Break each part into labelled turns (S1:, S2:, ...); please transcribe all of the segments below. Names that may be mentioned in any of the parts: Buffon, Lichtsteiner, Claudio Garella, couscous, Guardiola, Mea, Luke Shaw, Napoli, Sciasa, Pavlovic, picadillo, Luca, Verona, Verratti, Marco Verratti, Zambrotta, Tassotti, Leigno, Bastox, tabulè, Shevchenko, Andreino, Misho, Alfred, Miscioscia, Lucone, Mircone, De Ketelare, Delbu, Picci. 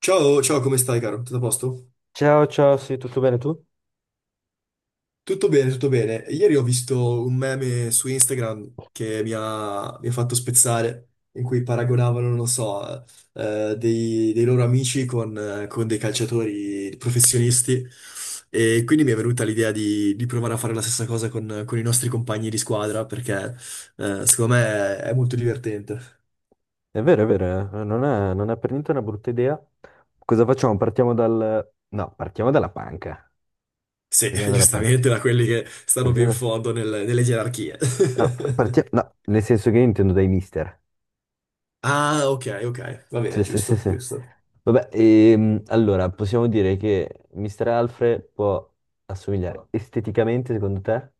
S1: Ciao, ciao, come stai, caro? Tutto a posto?
S2: Ciao, ciao, sì, tutto bene tu?
S1: Tutto bene, tutto bene. Ieri ho visto un meme su Instagram che mi ha fatto spezzare, in cui paragonavano, non lo so, dei loro amici con dei calciatori professionisti. E quindi mi è venuta l'idea di provare a fare la stessa cosa con i nostri compagni di squadra, perché, secondo me è molto divertente.
S2: È vero, eh. Non è per niente una brutta idea. Cosa facciamo? No, partiamo dalla panca.
S1: Sì,
S2: Partiamo dalla panca.
S1: giustamente da quelli che stanno più
S2: Partiamo
S1: in
S2: da-
S1: fondo nelle gerarchie.
S2: No, no, nel senso che io intendo dai mister.
S1: Ah, ok, ok, va bene,
S2: Sì, sì, sì,
S1: giusto,
S2: sì.
S1: giusto.
S2: Vabbè, allora, possiamo dire che mister Alfred può assomigliare esteticamente, secondo te?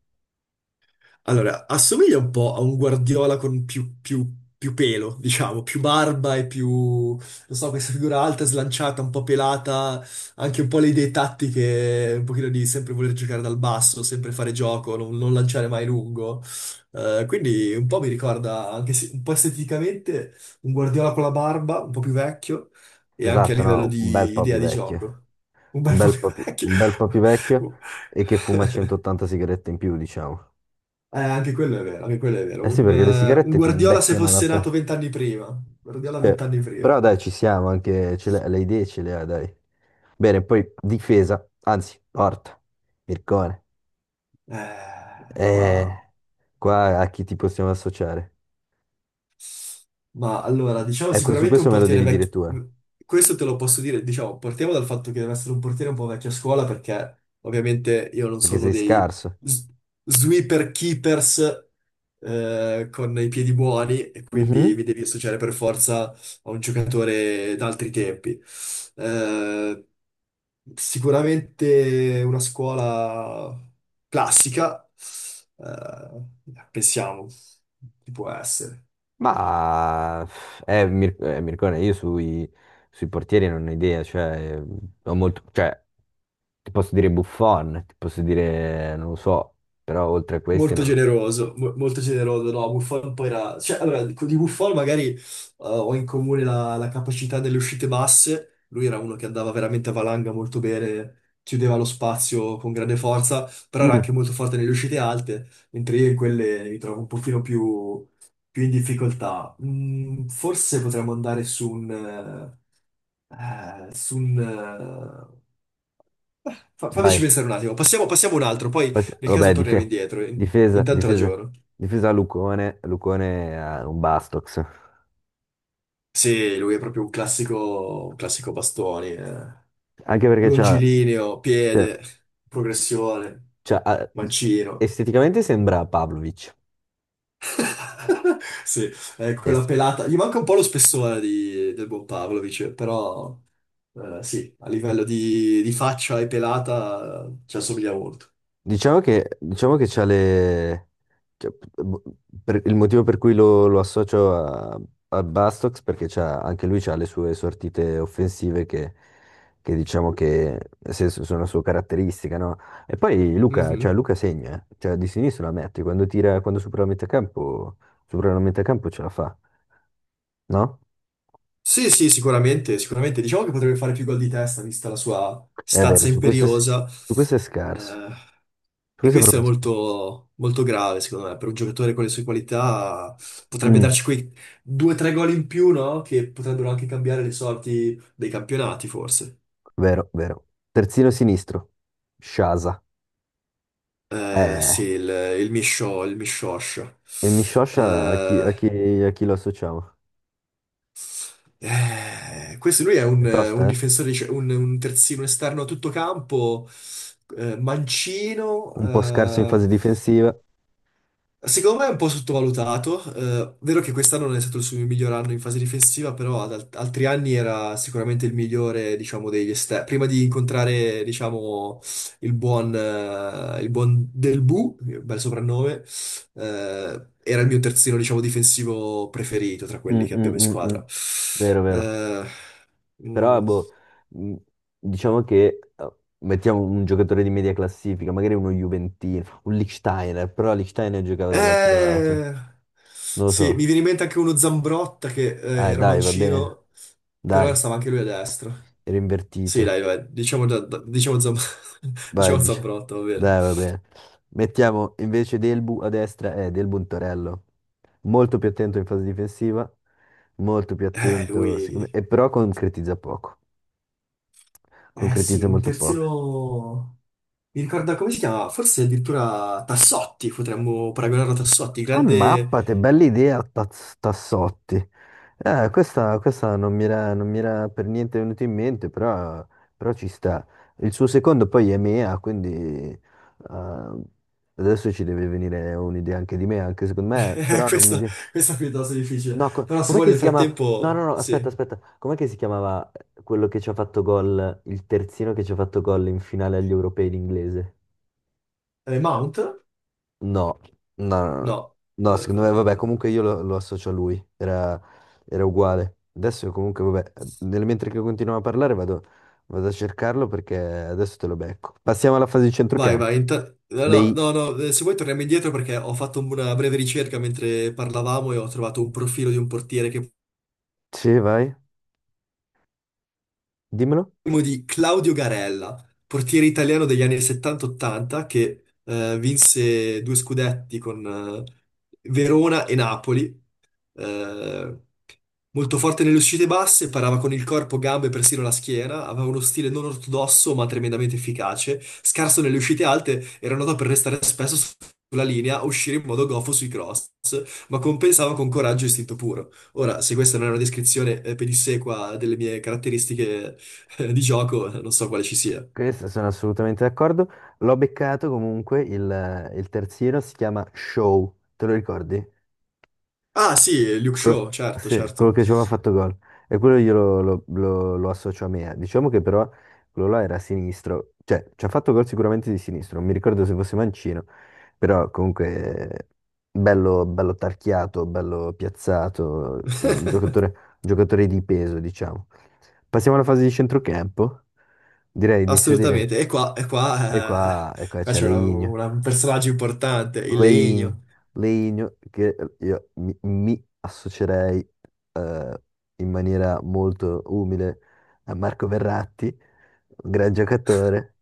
S1: Allora, assomiglia un po' a un Guardiola con più pelo, diciamo, più barba e più, non so, questa figura alta, slanciata, un po' pelata, anche un po' le idee tattiche, un pochino di sempre voler giocare dal basso, sempre fare gioco, non lanciare mai lungo. Quindi un po' mi ricorda, anche se un po' esteticamente, un Guardiola con la barba, un po' più vecchio, e anche a
S2: Esatto,
S1: livello
S2: no, un bel
S1: di
S2: po' più
S1: idea di
S2: vecchio.
S1: gioco. Un
S2: Un
S1: bel po'
S2: bel
S1: più
S2: po' più,
S1: vecchio.
S2: un bel po' più vecchio e che fuma 180 sigarette in più, diciamo.
S1: Anche quello è vero, anche quello è
S2: Eh
S1: vero.
S2: sì, perché le
S1: Un
S2: sigarette ti
S1: Guardiola se
S2: invecchiano la
S1: fosse nato
S2: pelle.
S1: vent'anni prima. Guardiola
S2: Cioè,
S1: vent'anni prima.
S2: però dai, ci siamo anche, le idee ce le ha, dai. Bene, poi difesa, anzi, porta, Mircone.
S1: Eh,
S2: Eh,
S1: ma,
S2: qua a chi ti possiamo associare?
S1: ma allora, diciamo
S2: Ecco, su
S1: sicuramente un
S2: questo me lo
S1: portiere
S2: devi dire
S1: vecchio.
S2: tu,
S1: Questo te lo posso dire, diciamo, partiamo dal fatto che deve essere un portiere un po' vecchio a scuola perché ovviamente io non
S2: perché
S1: sono
S2: sei
S1: dei
S2: scarso.
S1: s- sweeper keepers con i piedi buoni e quindi
S2: Mhm.
S1: mi devi associare per forza a un giocatore d'altri tempi. Eh, Sicuramente una scuola classica, eh, pensiamo, chi può essere?
S2: Ma Mircone, sui portieri non ho idea, cioè, ho molto, cioè, ti posso dire Buffon, ti posso dire, non lo so, però oltre a questi
S1: Molto
S2: non lo...
S1: generoso, molto generoso, no, Buffon poi era... Cioè, allora, di Buffon magari ho in comune la capacità delle uscite basse, lui era uno che andava veramente a valanga molto bene, chiudeva lo spazio con grande forza,
S2: so.
S1: però era
S2: Mm.
S1: anche molto forte nelle uscite alte, mentre io in quelle mi trovo un pochino più in difficoltà. Mm, forse potremmo andare su un... fammici
S2: Vai.
S1: pensare un attimo, passiamo un altro, poi
S2: Poi se-
S1: nel caso
S2: Vabbè,
S1: torniamo indietro,
S2: difesa,
S1: intanto
S2: difesa,
S1: ragiono.
S2: difesa Lucone, Lucone ha un Bastox.
S1: Sì, lui è proprio un classico bastoni, eh.
S2: Anche perché c'ha,
S1: Longilineo,
S2: cioè,
S1: piede, progressione,
S2: c'ha- ha-
S1: mancino.
S2: esteticamente sembra Pavlovic.
S1: Sì, è quella
S2: Es-
S1: pelata. Gli manca un po' lo spessore del buon Pavlovic, però sì, a livello di faccia e pelata ci assomiglia molto.
S2: Diciamo che c'ha le... cioè, p- per- il motivo per cui lo, lo associo a, a Bastox perché c'ha, anche lui ha le sue sortite offensive che diciamo che nel senso, sono la sua caratteristica, no? E poi Luca, cioè
S1: Mhm.
S2: Luca segna, eh. Cioè di sinistra la mette, quando tira, quando supera la metà campo, supera la metà campo ce la fa, no?
S1: Sì, sì, sicuramente, sicuramente. Diciamo che potrebbe fare più gol di testa, vista la sua
S2: È vero,
S1: stazza
S2: su questo è, s-
S1: imperiosa.
S2: su questo è scarso,
S1: Eh,
S2: su
S1: e
S2: questo è
S1: questo è
S2: proprio scarso.
S1: molto, molto grave, secondo me, per un giocatore con le sue qualità potrebbe
S2: Mm.
S1: darci quei due o tre gol in più, no? Che potrebbero anche cambiare le sorti dei campionati, forse.
S2: Vero, vero. Terzino sinistro, Sciasa. Eh,
S1: Sì, il Misho, il Mishosh.
S2: e Miscioscia a chi,
S1: Eh,
S2: a chi lo associamo?
S1: Questo lui è
S2: È
S1: un
S2: tosta, eh?
S1: difensore, un terzino esterno a tutto campo, mancino,
S2: Un po' scarso in
S1: eh.
S2: fase difensiva.
S1: Secondo me è un po' sottovalutato, vero che quest'anno non è stato il suo miglior anno in fase difensiva, però ad altri anni era sicuramente il migliore, diciamo, degli esterni. Prima di incontrare, diciamo, il buon Delbu, bel soprannome, era il mio terzino, diciamo, difensivo preferito tra
S2: Mm,
S1: quelli che
S2: mm,
S1: abbiamo in
S2: mm, mm.
S1: squadra.
S2: Vero, vero.
S1: Eh,
S2: Però,
S1: mm,
S2: boh, mm, diciamo che mettiamo un giocatore di media classifica, magari uno Juventino, un Lichtsteiner, però Lichtsteiner giocava dall'altro lato.
S1: eh,
S2: Non lo
S1: sì, mi
S2: so.
S1: viene in mente anche uno Zambrotta che, era
S2: Dai, va bene.
S1: mancino, però
S2: Dai,
S1: stava anche lui a destra.
S2: era
S1: Sì,
S2: invertito.
S1: dai, vai, diciamo, diciamo,
S2: Vai,
S1: diciamo
S2: dice.
S1: Zambrotta, va bene.
S2: Dai, va bene. Mettiamo invece Delbu a destra e Delbu in torello. Molto più attento in fase difensiva, molto più attento, secondo
S1: Lui...
S2: me, e però concretizza poco.
S1: Eh sì,
S2: Concretizza
S1: un
S2: molto poco.
S1: terzino... Mi ricordo come si chiama? Forse addirittura Tassotti, potremmo paragonarlo a Tassotti,
S2: Ah,
S1: grande...
S2: mappate, bella idea, Tassotti. Questa non mi era, non mi era per niente venuta in mente, però, però ci sta. Il suo secondo poi è Mea, quindi adesso ci deve venire un'idea anche di me, anche secondo me, però non mi
S1: Questa,
S2: viene.
S1: questa è piuttosto difficile.
S2: No,
S1: Però se
S2: com'è
S1: vuoi
S2: che
S1: nel
S2: si chiama? No,
S1: frattempo...
S2: no, no, aspetta,
S1: Sì.
S2: aspetta. Com'è che si chiamava quello che ci ha fatto gol, il terzino che ci ha fatto gol in finale agli europei l'inglese?
S1: Mount?
S2: No, no, no, no.
S1: No.
S2: No, secondo me, vabbè,
S1: Eh,
S2: comunque io lo, lo associo a lui. Era, era uguale. Adesso comunque, vabbè, nel mentre che continuiamo a parlare vado, vado a cercarlo perché adesso te lo becco. Passiamo alla fase di
S1: vai,
S2: centrocampo.
S1: vai. No, no,
S2: Lei,
S1: no, no, se vuoi torniamo indietro perché ho fatto una breve ricerca mentre parlavamo e ho trovato un profilo di un portiere che
S2: sì, vai, dimmelo.
S1: parliamo di Claudio Garella, portiere italiano degli anni 70-80 che vinse due scudetti con Verona e Napoli. Eh, Molto forte nelle uscite basse, parava con il corpo, gambe e persino la schiena, aveva uno stile non ortodosso ma tremendamente efficace. Scarso nelle uscite alte, era noto per restare spesso sulla linea, uscire in modo goffo sui cross, ma compensava con coraggio e istinto puro. Ora, se questa non è una descrizione pedissequa delle mie caratteristiche, di gioco, non so quale ci sia.
S2: Questo sono assolutamente d'accordo. L'ho beccato comunque, il terzino si chiama Show, te lo ricordi?
S1: Ah, sì, Luke
S2: Quello,
S1: Shaw, certo,
S2: sì, quello
S1: certo.
S2: che ci aveva fatto gol. E quello io lo, lo associo a me. Diciamo che però quello là era sinistro, cioè ci ha fatto gol sicuramente di sinistro, non mi ricordo se fosse mancino, però comunque bello, bello tarchiato, bello piazzato, un giocatore di peso, diciamo. Passiamo alla fase di centrocampo, direi di inserire.
S1: Assolutamente.
S2: E qua
S1: Qua
S2: c'è
S1: c'è
S2: Leigno.
S1: un personaggio importante, il
S2: Leigno,
S1: legno.
S2: Leigno, che mi associerei eh, in maniera molto umile a Marco Verratti, un gran giocatore,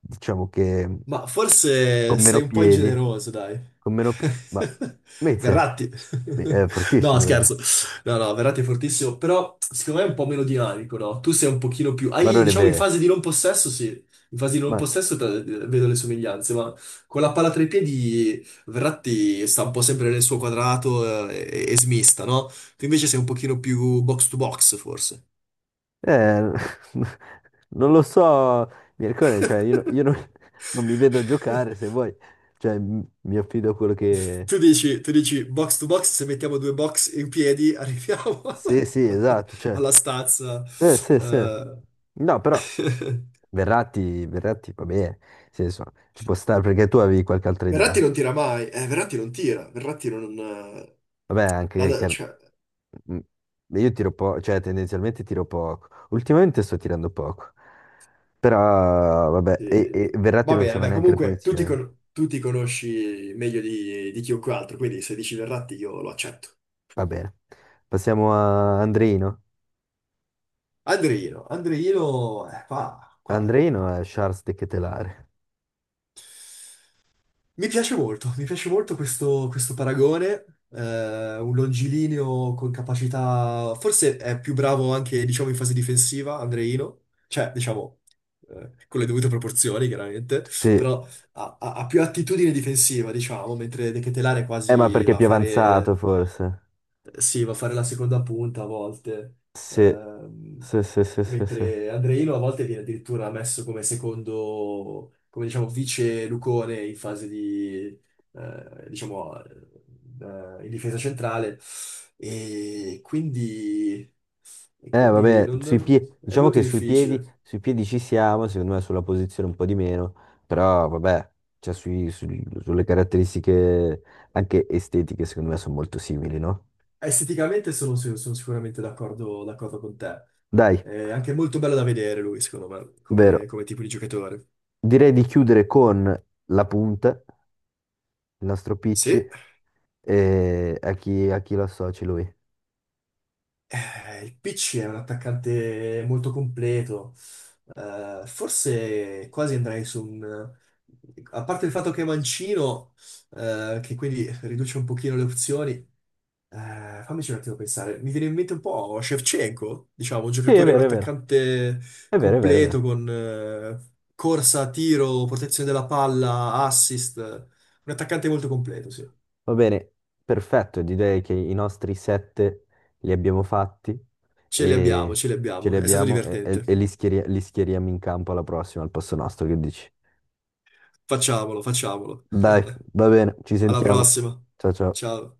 S2: diciamo che
S1: Ma forse
S2: con meno
S1: sei un po'
S2: piedi,
S1: ingeneroso, dai.
S2: ma Mezze,
S1: Verratti.
S2: è
S1: No,
S2: fortissimo, vero?
S1: scherzo. No, no, Verratti è fortissimo, però secondo me è un po' meno dinamico, no? Tu sei un pochino più...
S2: Ma
S1: Hai,
S2: non è
S1: diciamo, in
S2: vero.
S1: fase di non possesso, sì. In fase di non
S2: Ma,
S1: possesso vedo le somiglianze, ma con la palla tra i piedi Verratti sta un po' sempre nel suo quadrato e smista, no? Tu invece sei un pochino più box to box, forse.
S2: eh, non lo so, Mircone, cioè io, no- io non, non mi vedo giocare se vuoi, cioè mi affido a quello che
S1: Tu dici box to box, se mettiamo due box in piedi arriviamo
S2: sì, sì, esatto, cioè,
S1: alla stazza.
S2: sì, sì, sì.
S1: Eh.
S2: No, però Verratti, Verratti va bene, nel senso, ci può stare perché tu avevi qualche altra
S1: Verratti
S2: idea.
S1: non tira mai, Verratti non tira, Verratti non...
S2: Vabbè, anche che...
S1: cioè,
S2: Mm, io tiro poco, cioè tendenzialmente tiro poco. Ultimamente sto tirando poco. Però vabbè,
S1: eh,
S2: e Verratti
S1: va
S2: non
S1: bene,
S2: c'aveva
S1: beh,
S2: neanche le
S1: comunque
S2: punizioni.
S1: tu ti conosci meglio di chiunque altro, quindi se dici Verratti io lo accetto.
S2: Va bene. Passiamo a Andreino.
S1: Andreino, qua, qua
S2: Andreino è Charles De Ketelare.
S1: mi piace molto, mi piace molto questo paragone, un longilineo con capacità, forse è più bravo anche, diciamo, in fase difensiva, Andreino, cioè, diciamo, con le dovute proporzioni, chiaramente,
S2: Sì,
S1: però ha più attitudine difensiva, diciamo, mentre De Ketelare
S2: ma
S1: quasi
S2: perché è
S1: va a
S2: più avanzato
S1: fare
S2: forse?
S1: sì, va a fare la seconda punta a volte,
S2: Sì,
S1: ehm,
S2: sì, sì, sì, sì, sì.
S1: mentre Andreino a volte viene addirittura messo come secondo, come diciamo, vice Lucone in fase di, diciamo, in difesa centrale. E quindi, e quindi
S2: Vabbè, sui piedi,
S1: è
S2: diciamo
S1: molto
S2: che
S1: difficile.
S2: sui piedi ci siamo, secondo me sulla posizione un po' di meno, però vabbè, cioè sulle caratteristiche anche estetiche, secondo me sono molto simili, no?
S1: Esteticamente sono, sì, sono sicuramente d'accordo con te.
S2: Dai,
S1: È anche molto bello da vedere lui, secondo me,
S2: vero.
S1: come tipo di giocatore.
S2: Direi di chiudere con la punta, il nostro Picci,
S1: Sì.
S2: e a chi lo associ lui.
S1: Il PC è un attaccante molto completo. Forse quasi andrei su un... A parte il fatto che è mancino, che quindi riduce un pochino le opzioni, fammici un attimo pensare. Mi viene in mente un po' Shevchenko, diciamo, un
S2: Sì, è
S1: giocatore, un
S2: vero, è vero,
S1: attaccante
S2: è vero, è vero, è
S1: completo
S2: vero.
S1: con corsa, tiro, protezione della palla, assist. Un attaccante molto completo, sì.
S2: Va bene, perfetto, direi che i nostri 7 li abbiamo fatti
S1: Ce li abbiamo,
S2: e
S1: ce li
S2: ce
S1: abbiamo.
S2: li
S1: È stato
S2: abbiamo e,
S1: divertente.
S2: e li schieriamo in campo alla prossima, al posto nostro, che dici?
S1: Facciamolo, facciamolo.
S2: Dai, va bene, ci
S1: Alla
S2: sentiamo.
S1: prossima.
S2: Ciao ciao.
S1: Ciao.